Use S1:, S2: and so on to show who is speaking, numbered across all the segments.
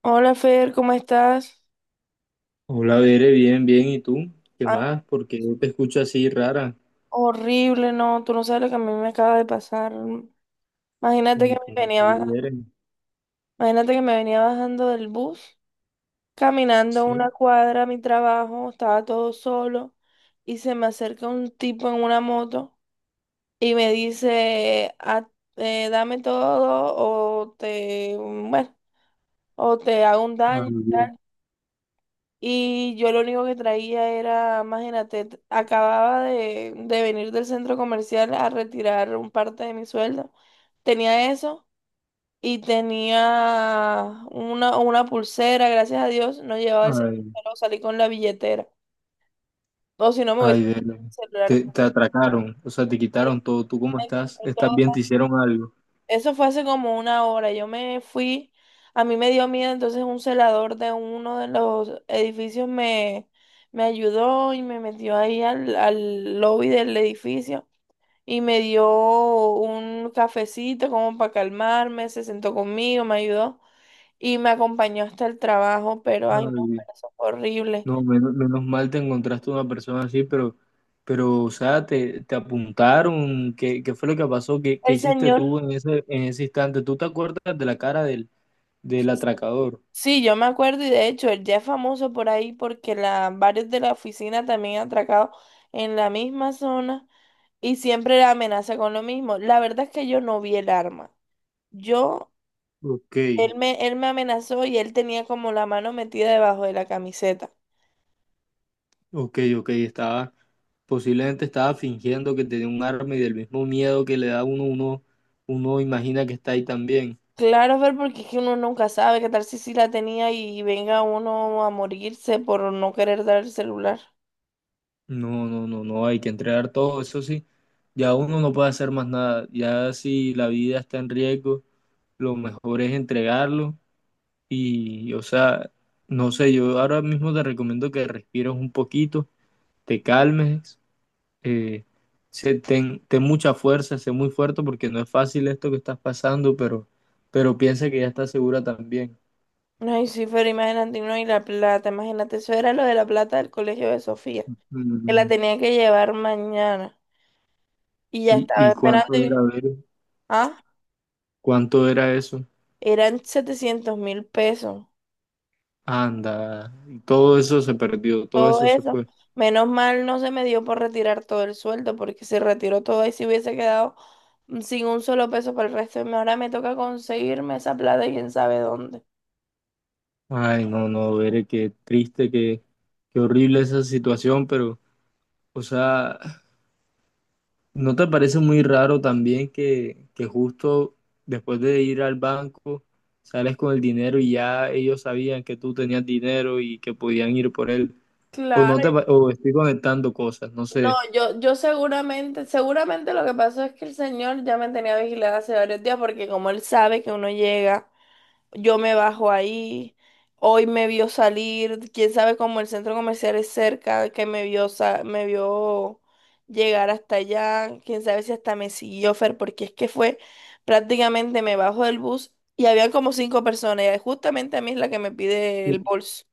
S1: Hola, Fer, ¿cómo estás?
S2: Hola, Bere, bien, bien. ¿Y tú? ¿Qué
S1: Ah,
S2: más? Porque yo te escucho así rara.
S1: horrible, no, tú no sabes lo que a mí me acaba de pasar. Imagínate que
S2: ¿Cómo,
S1: me
S2: cómo así,
S1: venía bajando,
S2: Bere?
S1: imagínate que me venía bajando del bus, caminando
S2: Sí.
S1: una cuadra a mi trabajo, estaba todo solo y se me acerca un tipo en una moto y me dice, "Ah, dame todo o te, bueno, o te hago un
S2: Ay,
S1: daño."
S2: Dios.
S1: Y yo lo único que traía era, imagínate, acababa de venir del centro comercial a retirar un parte de mi sueldo. Tenía eso y tenía una pulsera, gracias a Dios, no llevaba el celular,
S2: Ay,
S1: pero salí con la billetera. O si no, me hubiese
S2: ay, Bere.
S1: el celular.
S2: Te atracaron, o sea, te
S1: Sí,
S2: quitaron todo. ¿Tú cómo
S1: me
S2: estás?
S1: quitó
S2: ¿Estás
S1: todo.
S2: bien? ¿Te hicieron algo?
S1: Eso fue hace como una hora. Yo me fui, a mí me dio miedo, entonces un celador de uno de los edificios me, me ayudó y me metió ahí al lobby del edificio y me dio un cafecito como para calmarme, se sentó conmigo, me ayudó y me acompañó hasta el trabajo, pero ay no,
S2: Ay,
S1: pero eso fue horrible.
S2: no, menos mal te encontraste una persona así, pero, o sea, te apuntaron. ¿Qué fue lo que pasó? ¿Qué
S1: El
S2: hiciste
S1: señor.
S2: tú en ese instante? ¿Tú te acuerdas de la cara del atracador?
S1: Sí, yo me acuerdo y de hecho él ya es famoso por ahí porque la, varios de la oficina también han atracado en la misma zona y siempre la amenaza con lo mismo. La verdad es que yo no vi el arma. Yo,
S2: Ok,
S1: él me amenazó y él tenía como la mano metida debajo de la camiseta.
S2: ok, estaba. Posiblemente estaba fingiendo que tenía un arma y del mismo miedo que le da a uno, imagina que está ahí también.
S1: Claro, Fer, porque es que uno nunca sabe qué tal si sí la tenía y venga uno a morirse por no querer dar el celular.
S2: No, no, no, no, hay que entregar todo, eso sí. Ya uno no puede hacer más nada. Ya si la vida está en riesgo, lo mejor es entregarlo. Y, o sea, no sé, yo ahora mismo te recomiendo que respires un poquito, te calmes, eh, ten, ten mucha fuerza, sé muy fuerte porque no es fácil esto que estás pasando, pero piensa que ya estás segura también.
S1: Ay, sí, Fer, imagínate, no, y la plata, imagínate, eso era lo de la plata del colegio de Sofía, que la
S2: Mm.
S1: tenía que llevar mañana y ya
S2: ¿Y,
S1: estaba
S2: y
S1: esperando
S2: cuánto
S1: y,
S2: era ver?
S1: ah,
S2: ¿Cuánto era eso?
S1: eran 700.000 pesos,
S2: Anda, y todo eso se perdió, todo
S1: todo
S2: eso se
S1: eso.
S2: fue.
S1: Menos mal no se me dio por retirar todo el sueldo porque se retiró todo y si hubiese quedado sin un solo peso para el resto de mi- Ahora me toca conseguirme esa plata y quién sabe dónde.
S2: Ay, no, no, Bere, qué triste, qué, qué horrible esa situación, pero, o sea, ¿no te parece muy raro también que justo después de ir al banco sales con el dinero y ya ellos sabían que tú tenías dinero y que podían ir por él? O
S1: Claro,
S2: no te, o estoy conectando cosas, no
S1: no,
S2: sé.
S1: yo, seguramente lo que pasó es que el señor ya me tenía vigilada hace varios días porque como él sabe que uno llega, yo me bajo ahí. Hoy me vio salir, quién sabe cómo, el centro comercial es cerca, que me vio, me vio llegar hasta allá, quién sabe si hasta me siguió, Fer, porque es que fue prácticamente me bajo del bus y había como cinco personas y justamente a mí es la que me pide el bolso.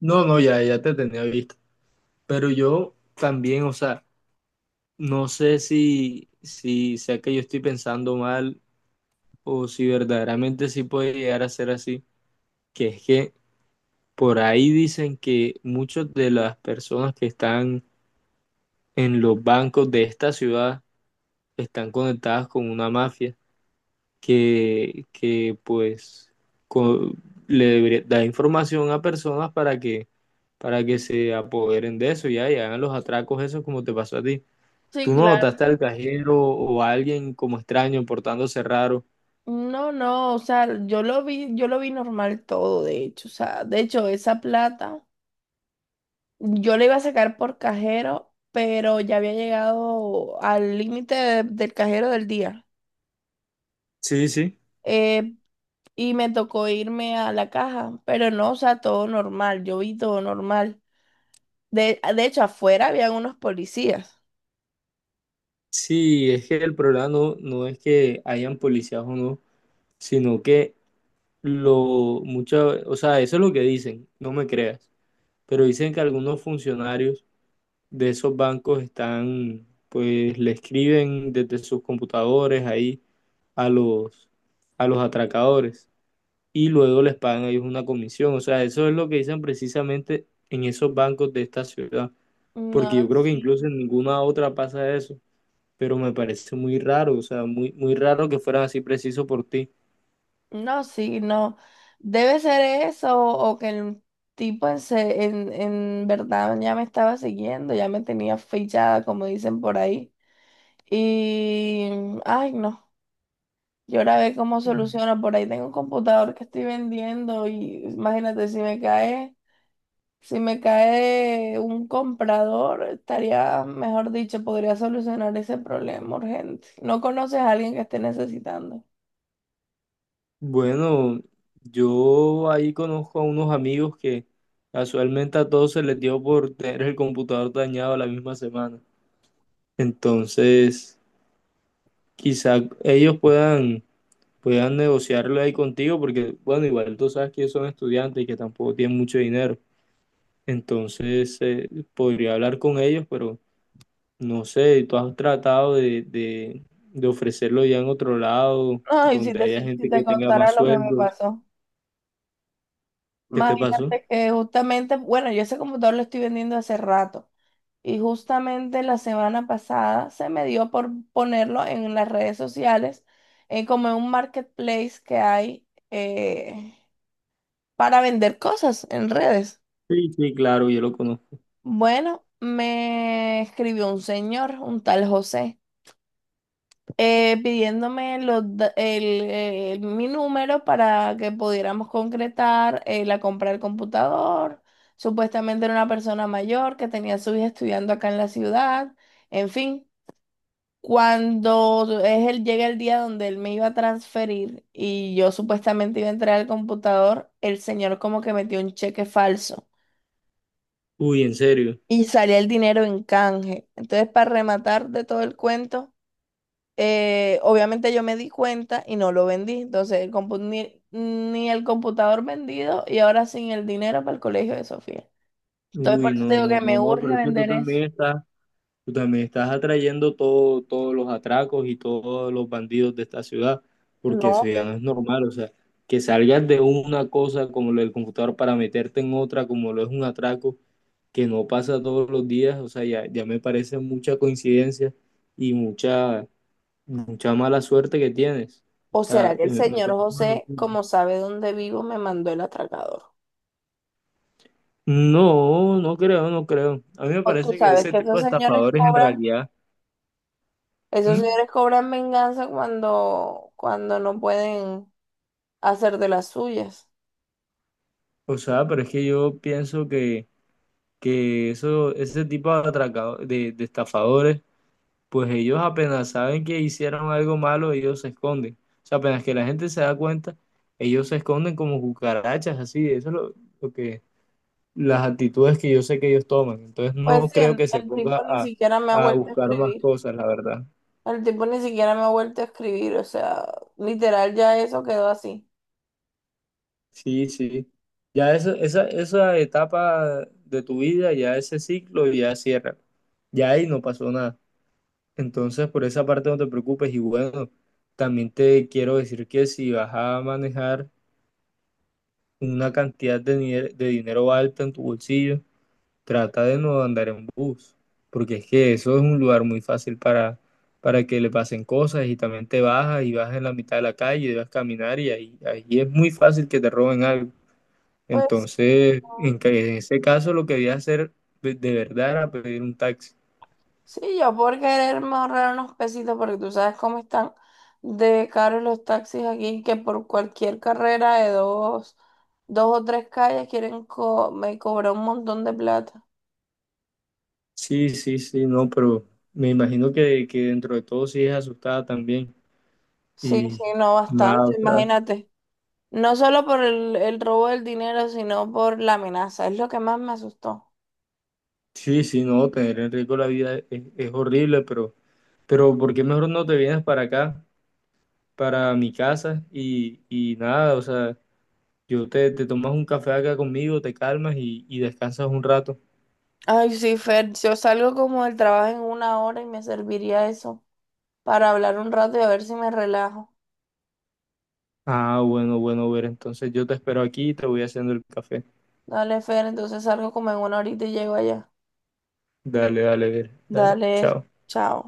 S2: No, no, ya, ya te tenía visto. Pero yo también, o sea, no sé si, si sea que yo estoy pensando mal o si verdaderamente sí puede llegar a ser así, que es que por ahí dicen que muchas de las personas que están en los bancos de esta ciudad están conectadas con una mafia que pues co- da información a personas para que se apoderen de eso ya, y hagan los atracos esos como te pasó a ti.
S1: Sí,
S2: ¿Tú no
S1: claro.
S2: notaste al cajero o a alguien como extraño portándose raro?
S1: No, no, o sea, yo lo vi normal todo, de hecho, o sea, de hecho, esa plata. Yo le iba a sacar por cajero, pero ya había llegado al límite del cajero del día.
S2: Sí, sí.
S1: Eh, y me tocó irme a la caja, pero no, o sea, todo normal. Yo vi todo normal. De hecho, afuera habían unos policías.
S2: Sí, es que el problema no, no es que hayan policías o no, sino que lo mucho, o sea, eso es lo que dicen, no me creas, pero dicen que algunos funcionarios de esos bancos están, pues le escriben desde sus computadores ahí a los, a los atracadores y luego les pagan a ellos una comisión, o sea, eso es lo que dicen precisamente en esos bancos de esta ciudad.
S1: No,
S2: Porque yo creo que incluso
S1: sí.
S2: en ninguna otra pasa eso, pero me parece muy raro, o sea, muy, muy raro que fueran así preciso por ti.
S1: No, sí, no. Debe ser eso o que el tipo en verdad ya me estaba siguiendo, ya me tenía fichada, como dicen por ahí. Y, ay, no. Yo ahora ve cómo soluciono. Por ahí tengo un computador que estoy vendiendo y imagínate si me cae, si me cae un comprador, estaría, mejor dicho, podría solucionar ese problema urgente. No conoces a alguien que esté necesitando.
S2: Bueno, yo ahí conozco a unos amigos que casualmente a todos se les dio por tener el computador dañado la misma semana. Entonces, quizá ellos puedan, puedan negociarlo ahí contigo, porque, bueno, igual tú sabes que ellos son estudiantes y que tampoco tienen mucho dinero. Entonces, podría hablar con ellos, pero no sé, tú has tratado de ofrecerlo ya en otro lado,
S1: No, y si
S2: donde
S1: te,
S2: haya
S1: si
S2: gente
S1: te
S2: que tenga
S1: contara
S2: más
S1: lo que me
S2: sueldos.
S1: pasó.
S2: ¿Qué te pasó?
S1: Imagínate que justamente, bueno, yo ese computador lo estoy vendiendo hace rato. Y justamente la semana pasada se me dio por ponerlo en las redes sociales, como en un marketplace que hay, eh, para vender cosas en redes.
S2: Sí, sí, claro, yo lo conozco.
S1: Bueno, me escribió un señor, un tal José, pidiéndome mi número para que pudiéramos concretar la compra del computador. Supuestamente era una persona mayor que tenía a su hija estudiando acá en la ciudad, en fin. Cuando es el, llega el día donde él me iba a transferir y yo supuestamente iba a entrar al computador, el señor como que metió un cheque falso
S2: Uy, en serio.
S1: y salía el dinero en canje. Entonces, para rematar de todo el cuento, obviamente yo me di cuenta y no lo vendí. Entonces, el compu- ni, ni el computador vendido y ahora sin el dinero para el colegio de Sofía. Entonces, por
S2: Uy, no,
S1: eso te digo
S2: no,
S1: que me
S2: no, no,
S1: urge
S2: pero es que
S1: vender eso.
S2: tú también estás atrayendo todo, todos los atracos y todos los bandidos de esta ciudad, porque eso
S1: No.
S2: ya no es normal. O sea, que salgas de una cosa como lo del computador para meterte en otra como lo es un atraco, que no pasa todos los días, o sea, ya, ya me parece mucha coincidencia y mucha, mucha mala suerte que tienes.
S1: ¿O
S2: O sea,
S1: será que el
S2: me
S1: señor
S2: parece una
S1: José,
S2: locura.
S1: como sabe dónde vivo, me mandó el atracador?
S2: No, no creo, no creo. A mí me
S1: O tú
S2: parece que
S1: sabes
S2: ese
S1: que
S2: tipo de estafadores en realidad,
S1: esos
S2: ¿mm?
S1: señores cobran venganza cuando, cuando no pueden hacer de las suyas.
S2: O sea, pero es que yo pienso que eso, ese tipo de estafadores, pues ellos apenas saben que hicieron algo malo, ellos se esconden. O sea, apenas que la gente se da cuenta, ellos se esconden como cucarachas, así, eso es lo que las actitudes que yo sé que ellos toman. Entonces
S1: Pues
S2: no
S1: sí,
S2: creo que se
S1: el
S2: ponga
S1: tipo ni siquiera me ha
S2: a
S1: vuelto a
S2: buscar más
S1: escribir.
S2: cosas, la verdad.
S1: El tipo ni siquiera me ha vuelto a escribir. O sea, literal ya eso quedó así.
S2: Sí, sí. Ya eso, esa etapa de tu vida, ya ese ciclo, ya cierra. Ya ahí no pasó nada. Entonces por esa parte no te preocupes. Y bueno, también te quiero decir que si vas a manejar una cantidad de, de dinero alta en tu bolsillo, trata de no andar en bus, porque es que eso es un lugar muy fácil para que le pasen cosas, y también te bajas y vas en la mitad de la calle, debes caminar y ahí, ahí es muy fácil que te roben algo.
S1: Pues
S2: Entonces,
S1: no,
S2: en, en ese caso lo que voy a hacer de verdad era pedir un taxi.
S1: sí, yo por quererme ahorrar unos pesitos, porque tú sabes cómo están de caros los taxis aquí, que por cualquier carrera de dos, dos o tres calles quieren me cobrar un montón de plata.
S2: Sí, sí, sí, no, pero me imagino que dentro de todo sí es asustada también.
S1: Sí, sí,
S2: Y
S1: no,
S2: nada,
S1: bastante,
S2: o sea,
S1: imagínate. No solo por el robo del dinero, sino por la amenaza. Es lo que más me asustó.
S2: sí, sí, no, tener en riesgo la vida es horrible, pero ¿por qué mejor no te vienes para acá? Para mi casa y nada, o sea, yo te, te tomas un café acá conmigo, te calmas y descansas un rato.
S1: Ay, sí, Fer, yo salgo como del trabajo en una hora y me serviría eso para hablar un rato y a ver si me relajo.
S2: Ah, bueno, bueno, ver, entonces yo te espero aquí y te voy haciendo el café.
S1: Dale, Fer, entonces salgo como en una horita y llego allá.
S2: Dale, dale, ver, dale,
S1: Dale,
S2: chao.
S1: chao.